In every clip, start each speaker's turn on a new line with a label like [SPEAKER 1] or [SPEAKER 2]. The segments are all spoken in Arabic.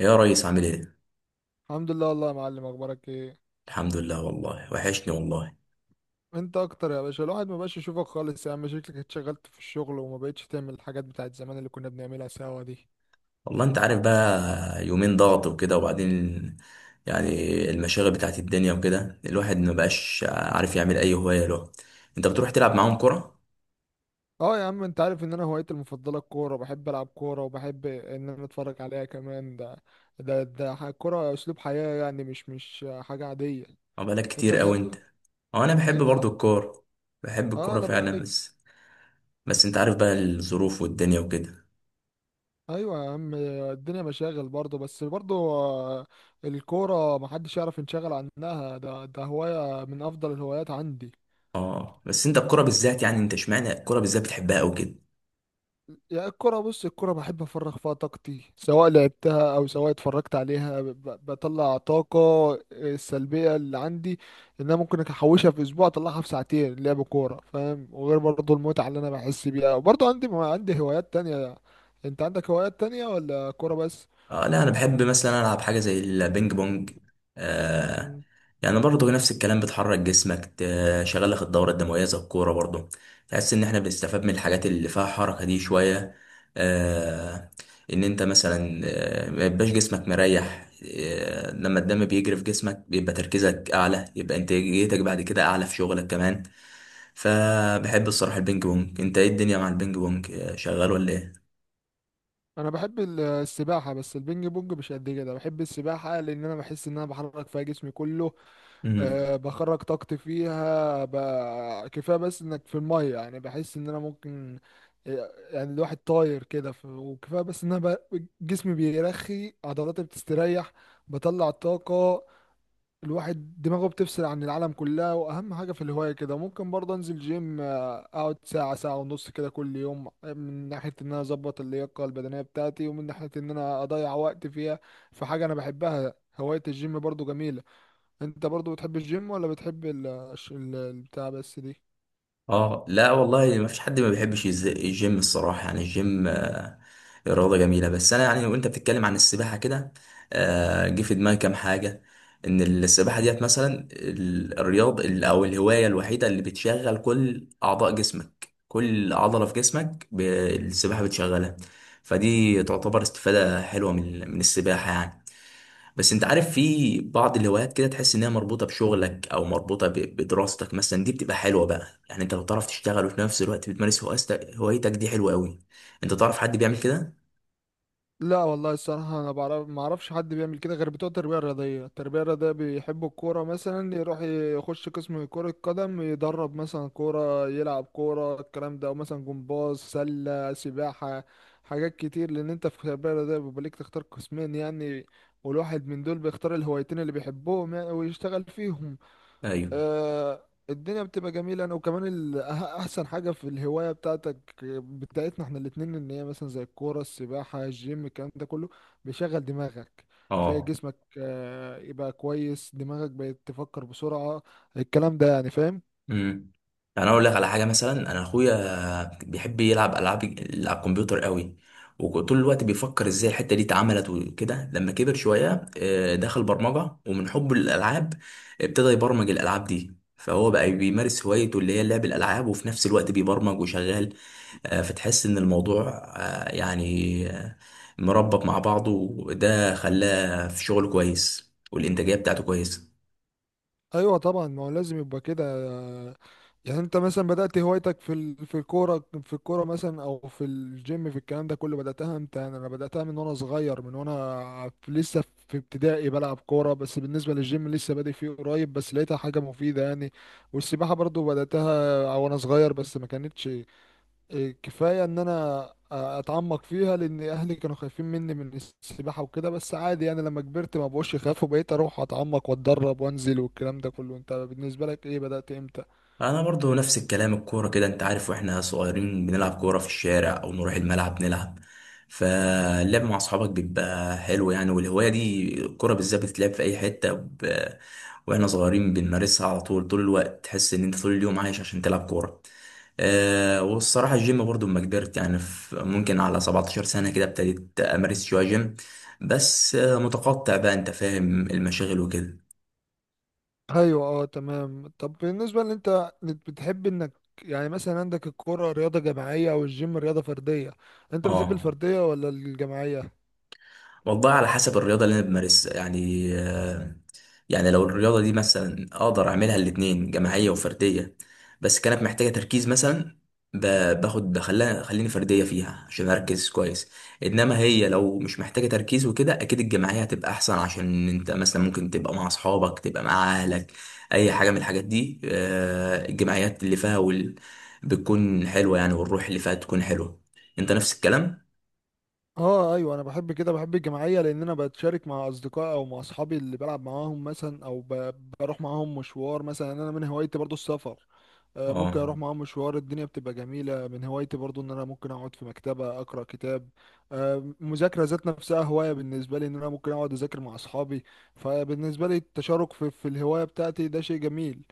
[SPEAKER 1] يا ريس عامل ايه؟
[SPEAKER 2] الحمد لله والله، يا معلم، اخبارك ايه؟
[SPEAKER 1] الحمد لله والله وحشني والله.
[SPEAKER 2] انت اكتر يا باشا. الواحد ما بقاش يشوفك خالص يا عم، شكلك اتشغلت في الشغل وما بقتش تعمل الحاجات بتاعت زمان اللي كنا بنعملها سوا دي.
[SPEAKER 1] والله انت عارف بقى يومين ضغط وكده، وبعدين يعني المشاغل بتاعت الدنيا وكده، الواحد ما بقاش عارف يعمل اي هواية له. انت بتروح تلعب معاهم كرة؟
[SPEAKER 2] اه يا عم، انت عارف ان انا هوايتي المفضله الكوره، بحب العب كوره وبحب ان انا اتفرج عليها كمان. الكوره اسلوب حياه، يعني مش حاجه عاديه.
[SPEAKER 1] اه، بقالك
[SPEAKER 2] انت
[SPEAKER 1] كتير قوي انت.
[SPEAKER 2] بتحب
[SPEAKER 1] اه، انا بحب
[SPEAKER 2] ايه؟
[SPEAKER 1] برضو
[SPEAKER 2] اه.
[SPEAKER 1] الكورة، بحب
[SPEAKER 2] آه،
[SPEAKER 1] الكورة
[SPEAKER 2] انا بقى
[SPEAKER 1] فعلا،
[SPEAKER 2] لك.
[SPEAKER 1] بس بس انت عارف بقى الظروف والدنيا وكده.
[SPEAKER 2] ايوه يا عم، الدنيا مشاغل برضه، بس برضه الكوره محدش يعرف ينشغل عنها، ده هوايه من افضل الهوايات عندي.
[SPEAKER 1] اه، بس انت الكورة بالذات، يعني انت اشمعنى الكورة بالذات بتحبها قوي كده؟
[SPEAKER 2] يعني الكرة، بص، الكرة بحب أفرغ فيها طاقتي، سواء لعبتها أو سواء اتفرجت عليها. بطلع طاقة السلبية اللي عندي، إن أنا ممكن أحوشها في أسبوع أطلعها في ساعتين لعب كورة، فاهم، وغير برضه المتعة اللي أنا بحس بيها. وبرضه عندي هوايات تانية. أنت عندك هوايات تانية ولا كورة بس؟
[SPEAKER 1] اه لا، انا بحب مثلا العب حاجه زي البينج بونج. آه.
[SPEAKER 2] مم.
[SPEAKER 1] يعني برضه نفس الكلام، بتحرك جسمك، تشغل لك الدوره الدمويه زي الكوره برضه، تحس ان احنا بنستفاد من الحاجات اللي فيها حركه دي شويه. آه. ان انت مثلا ما يبقاش جسمك مريح. لما الدم بيجري في جسمك بيبقى تركيزك اعلى، يبقى انتاجيتك بعد كده اعلى في شغلك كمان. فبحب الصراحه البينج بونج. انت ايه الدنيا مع البينج بونج، شغال ولا
[SPEAKER 2] أنا بحب السباحة، بس البينج بونج مش قد كده. بحب السباحة لأن أنا بحس إن أنا بحرك فيها جسمي كله.
[SPEAKER 1] ايه؟
[SPEAKER 2] أه بخرج طاقتي فيها كفايه بس انك في الميه، يعني بحس ان انا ممكن يعني الواحد طاير كده وكفايه بس ان انا جسمي بيرخي، عضلاتي بتستريح، بطلع الطاقه، الواحد دماغه بتفصل عن العالم كلها. واهم حاجه في الهوايه كده ممكن برضه انزل جيم اقعد ساعه، ساعه ونص كده كل يوم، من ناحيه ان انا اظبط اللياقه البدنيه بتاعتي ومن ناحيه ان انا اضيع وقت فيها في حاجه انا بحبها. هوايه الجيم برضه جميله. انت برضو بتحب الجيم ولا بتحب البتاع بس دي؟
[SPEAKER 1] اه لا والله، ما فيش حد ما بيحبش الجيم الصراحه، يعني الجيم رياضه جميله. بس انا يعني وانت بتتكلم عن السباحه كده جه في دماغي كام حاجه. ان السباحه ديت مثلا او الهوايه الوحيده اللي بتشغل كل اعضاء جسمك، كل عضله في جسمك السباحه بتشغلها. فدي تعتبر استفاده حلوه من السباحه يعني. بس انت عارف في بعض الهوايات كده تحس انها مربوطه بشغلك او مربوطه بدراستك مثلا، دي بتبقى حلوه بقى. يعني انت لو تعرف تشتغل وفي نفس الوقت بتمارس هوايتك دي حلوه قوي. انت تعرف حد بيعمل كده؟
[SPEAKER 2] لا والله الصراحة أنا ما أعرفش حد بيعمل كده غير بتوع التربية الرياضية، التربية الرياضية بيحبوا الكورة، مثلا يروح يخش قسم كرة قدم، يدرب مثلا كورة، يلعب كورة الكلام ده، أو مثلا جمباز، سلة، سباحة، حاجات كتير، لأن أنت في التربية الرياضية بيبقى ليك تختار قسمين يعني، والواحد من دول بيختار الهوايتين اللي بيحبهم يعني ويشتغل فيهم.
[SPEAKER 1] ايوه،
[SPEAKER 2] الدنيا بتبقى جميلة. انا وكمان احسن حاجة في الهواية بتاعتنا احنا الاتنين، ان هي مثلا زي الكورة، السباحة، الجيم، الكلام ده كله بيشغل دماغك. بتلاقي
[SPEAKER 1] اه.
[SPEAKER 2] جسمك يبقى كويس، دماغك بقت تفكر بسرعة، الكلام ده يعني، فاهم.
[SPEAKER 1] امم. يعني انا اقول لك على حاجه، مثلا انا اخويا بيحب يلعب العاب على الكمبيوتر قوي، وطول الوقت بيفكر ازاي الحته دي اتعملت وكده. لما كبر شويه دخل برمجه، ومن حبه للالعاب ابتدى يبرمج الالعاب دي، فهو بقى بيمارس هوايته اللي هي لعب الالعاب وفي نفس الوقت بيبرمج وشغال. فتحس ان الموضوع آه، يعني آه، مربط مع بعضه، وده خلاه في شغل كويس والانتاجيه بتاعته كويسه.
[SPEAKER 2] ايوه طبعا، ما هو لازم يبقى كده. يعني انت مثلا بدأت هوايتك في في الكوره مثلا او في الجيم، في الكلام ده كله، بدأتها امتى؟ يعني انا بدأتها من وانا صغير، من وانا لسه في ابتدائي بلعب كوره. بس بالنسبه للجيم لسه بادئ فيه قريب، بس لقيتها حاجه مفيده يعني. والسباحه برضو بدأتها وانا صغير، بس ما كانتش كفاية ان انا اتعمق فيها لان اهلي كانوا خايفين مني من السباحة وكده، بس عادي يعني، لما كبرت ما بقوش يخافوا، بقيت اروح اتعمق واتدرب وانزل والكلام ده كله. انت بالنسبة لك ايه، بدأت امتى؟
[SPEAKER 1] انا برضو نفس الكلام، الكوره كده انت عارف، واحنا صغيرين بنلعب كوره في الشارع او نروح الملعب نلعب، فاللعب مع اصحابك بيبقى حلو يعني. والهوايه دي الكوره بالذات بتتلعب في اي حته واحنا صغيرين بنمارسها على طول، طول الوقت تحس ان انت طول اليوم عايش عشان تلعب كوره. أه، والصراحه الجيم برضو لما كبرت، يعني في ممكن على 17 سنه كده، ابتديت امارس شويه جيم، بس متقطع بقى، انت فاهم المشاغل وكده.
[SPEAKER 2] ايوه اه تمام. طب بالنسبة ان انت بتحب انك، يعني مثلا عندك الكرة رياضة جماعية والجيم رياضة فردية، انت بتحب
[SPEAKER 1] اه،
[SPEAKER 2] الفردية ولا الجماعية؟
[SPEAKER 1] والله على حسب الرياضة اللي أنا بمارسها يعني. يعني لو الرياضة دي مثلا أقدر أعملها الاتنين، جماعية وفردية، بس كانت محتاجة تركيز مثلا، ب- باخد بخليها خليني فردية فيها عشان أركز كويس. إنما هي لو مش محتاجة تركيز وكده، أكيد الجماعية هتبقى أحسن، عشان أنت مثلا ممكن تبقى مع أصحابك، تبقى مع أهلك، أي حاجة من الحاجات دي. الجماعيات اللي فيها بتكون حلوة يعني، والروح اللي فيها تكون حلوة. أنت نفس الكلام؟
[SPEAKER 2] اه ايوه، انا بحب كده، بحب الجماعيه لان انا بتشارك مع اصدقائي او مع اصحابي اللي بلعب معاهم مثلا، او بروح معاهم مشوار مثلا. يعني انا من هوايتي برضو السفر، ممكن
[SPEAKER 1] اه،
[SPEAKER 2] اروح معاهم مشوار، الدنيا بتبقى جميله. من هوايتي برضو ان انا ممكن اقعد في مكتبه اقرا كتاب. مذاكره ذات نفسها هوايه بالنسبه لي، ان انا ممكن اقعد اذاكر مع اصحابي. فبالنسبه لي التشارك في الهوايه بتاعتي ده شيء جميل.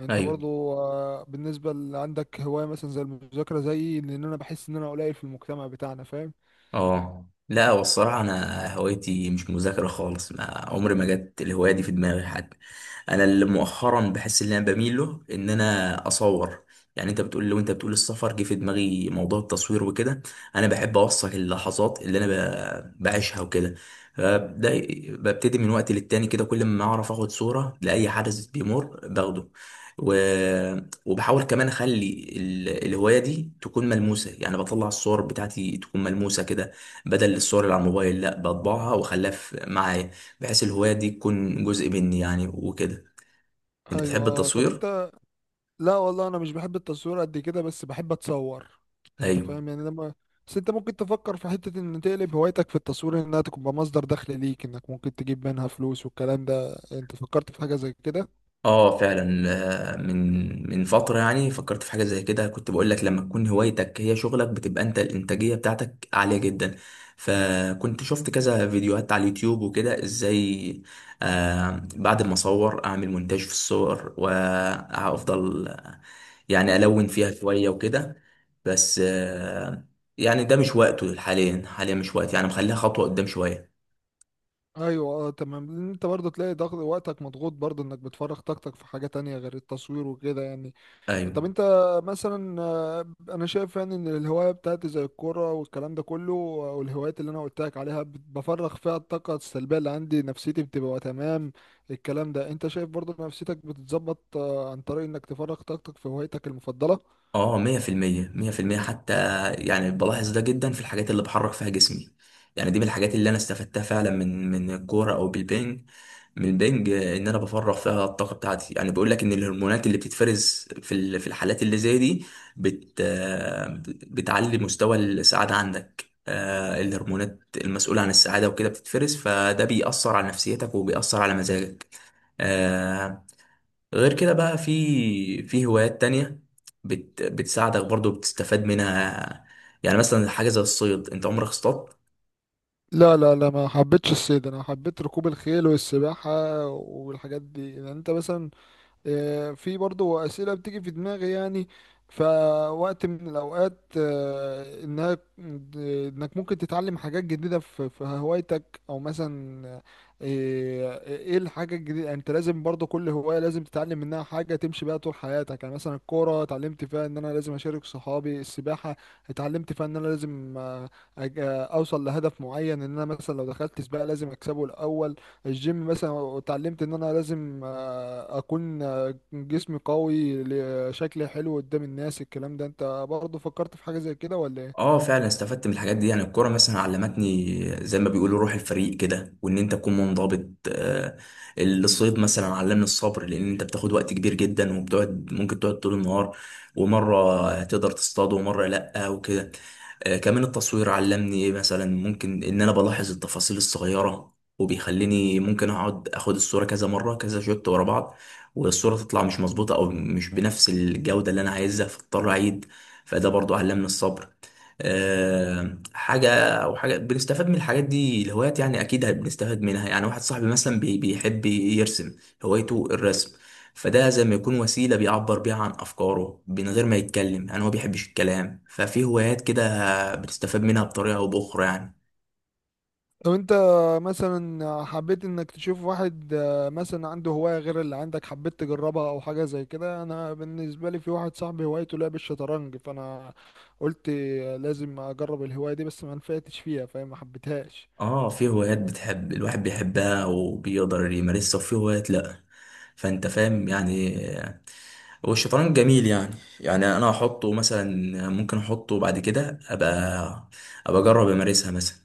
[SPEAKER 2] انت
[SPEAKER 1] ايوه.
[SPEAKER 2] برضو بالنسبه اللي عندك هوايه مثلا زي المذاكره زيي، لان انا بحس ان انا قليل في المجتمع بتاعنا، فاهم.
[SPEAKER 1] اه لا، والصراحة أنا هوايتي مش مذاكرة خالص، ما عمري ما جت الهواية دي في دماغي حتى. انا اللي مؤخرا بحس ان انا بميل له ان انا اصور. يعني انت بتقول السفر، جه في دماغي موضوع التصوير وكده. انا بحب اوثق اللحظات اللي انا بعيشها وكده. ده ببتدي من وقت للتاني كده، كل ما اعرف اخد صورة لاي حدث بيمر باخده. و... وبحاول كمان اخلي الهواية دي تكون ملموسة، يعني بطلع الصور بتاعتي تكون ملموسة كده، بدل الصور اللي على الموبايل، لا، بطبعها واخليها معايا، بحيث الهواية دي تكون جزء مني يعني وكده. انت
[SPEAKER 2] ايوه
[SPEAKER 1] بتحب
[SPEAKER 2] طب
[SPEAKER 1] التصوير؟
[SPEAKER 2] انت، لا والله انا مش بحب التصوير قد كده، بس بحب اتصور، انت
[SPEAKER 1] ايوه،
[SPEAKER 2] فاهم يعني لما. بس انت ممكن تفكر في حتة ان تقلب هوايتك في التصوير، انها تبقى مصدر دخل ليك، انك ممكن تجيب منها فلوس والكلام ده. انت فكرت في حاجة زي كده؟
[SPEAKER 1] اه فعلا. من فتره يعني فكرت في حاجه زي كده. كنت بقول لك، لما تكون هوايتك هي شغلك، بتبقى انت الانتاجيه بتاعتك عاليه جدا. فكنت شفت كذا فيديوهات على اليوتيوب وكده ازاي بعد ما اصور اعمل مونتاج في الصور، وافضل يعني الون فيها شويه وكده. بس. يعني ده مش وقته حاليا، حاليا مش وقت يعني، مخليها خطوه قدام شويه.
[SPEAKER 2] ايوه اه تمام، لان انت برضه تلاقي ضغط، وقتك مضغوط برضه، انك بتفرغ طاقتك في حاجة تانية غير التصوير وكده يعني.
[SPEAKER 1] ايوه،
[SPEAKER 2] طب انت مثلا، انا شايف يعني ان الهواية بتاعتي زي الكورة والكلام ده كله، والهوايات اللي انا قلت لك عليها بفرغ فيها الطاقة السلبية اللي عندي، نفسيتي بتبقى تمام. الكلام ده انت شايف برضه نفسيتك بتتظبط عن طريق انك تفرغ طاقتك في هوايتك المفضلة.
[SPEAKER 1] اه. مية في المية، مية في المية حتى. يعني بلاحظ ده جدا في الحاجات اللي بحرك فيها جسمي. يعني دي من الحاجات اللي انا استفدتها فعلا من الكورة او بالبنج، من البنج، ان انا بفرغ فيها الطاقة بتاعتي. يعني بيقول لك ان الهرمونات اللي بتتفرز في في الحالات اللي زي دي، بت آه، بتعلي مستوى السعادة عندك. الهرمونات المسؤولة عن السعادة وكده بتتفرز، فده بيأثر على نفسيتك وبيأثر على مزاجك. آه، غير كده بقى في هوايات تانية بتساعدك برضو، بتستفاد منها. يعني مثلا حاجة زي الصيد، انت عمرك اصطاد؟
[SPEAKER 2] لا لا لا، ما حبيتش الصيد، انا حبيت ركوب الخيل والسباحة والحاجات دي يعني. انت مثلا، في برضو أسئلة بتيجي في دماغي يعني، فوقت من الأوقات إنك ممكن تتعلم حاجات جديدة في هوايتك، أو مثلا إيه الحاجة الجديدة يعني، أنت لازم برضو كل هواية لازم تتعلم منها حاجة تمشي بيها طول حياتك. يعني مثلا الكورة اتعلمت فيها إن أنا لازم أشارك صحابي، السباحة اتعلمت فيها إن أنا لازم أوصل لهدف معين، إن أنا مثلا لو دخلت سباق لازم أكسبه الأول. الجيم مثلا اتعلمت ان انا لازم اكون جسمي قوي، شكلي حلو قدام الناس. الكلام ده انت برضه فكرت في حاجة زي كده ولا ايه؟
[SPEAKER 1] اه فعلا، استفدت من الحاجات دي. يعني الكرة مثلا علمتني، زي ما بيقولوا، روح الفريق كده، وان انت تكون منضبط. آه، الصيد مثلا علمني الصبر، لان انت بتاخد وقت كبير جدا وبتقعد، ممكن تقعد طول النهار ومرة تقدر تصطاد ومرة لأ وكده. كمان التصوير علمني ايه مثلا، ممكن ان انا بلاحظ التفاصيل الصغيرة، وبيخليني ممكن اقعد اخد الصورة كذا مرة، كذا شوت ورا بعض، والصورة تطلع مش مظبوطة او مش بنفس الجودة اللي انا عايزها، فاضطر اعيد. فده برضو علمني الصبر. آه، حاجة حاجة بنستفاد من الحاجات دي الهوايات، يعني أكيد بنستفاد منها. يعني واحد صاحبي مثلا بيحب يرسم، هوايته الرسم، فده زي ما يكون وسيلة بيعبر بيها عن أفكاره من غير ما يتكلم، يعني هو بيحبش الكلام. ففي هوايات كده بنستفاد منها بطريقة أو بأخرى يعني.
[SPEAKER 2] لو انت مثلا حبيت انك تشوف واحد، مثلا عنده هواية غير اللي عندك، حبيت تجربها او حاجة زي كده، انا بالنسبة لي في واحد صاحبي هوايته لعب الشطرنج، فانا قلت لازم اجرب الهواية دي، بس ما نفعتش فيها فاهم، ما حبيتهاش.
[SPEAKER 1] اه، في هوايات بتحب، الواحد بيحبها وبيقدر يمارسها، وفي هوايات لأ، فأنت فاهم يعني. والشطرنج جميل يعني انا احطه مثلا، ممكن احطه بعد كده، ابقى اجرب امارسها مثلا.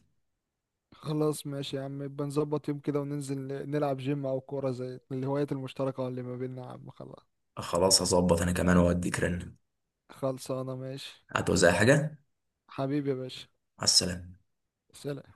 [SPEAKER 2] خلاص ماشي يا عم، يبقى نظبط يوم كده وننزل نلعب جيم او كورة زي الهوايات المشتركة اللي ما بيننا، يا عم خلاص.
[SPEAKER 1] خلاص، هظبط انا كمان واديك رن.
[SPEAKER 2] خلصانة ماشي.
[SPEAKER 1] هتوزع حاجه.
[SPEAKER 2] حبيبي يا باشا.
[SPEAKER 1] على السلامه.
[SPEAKER 2] سلام.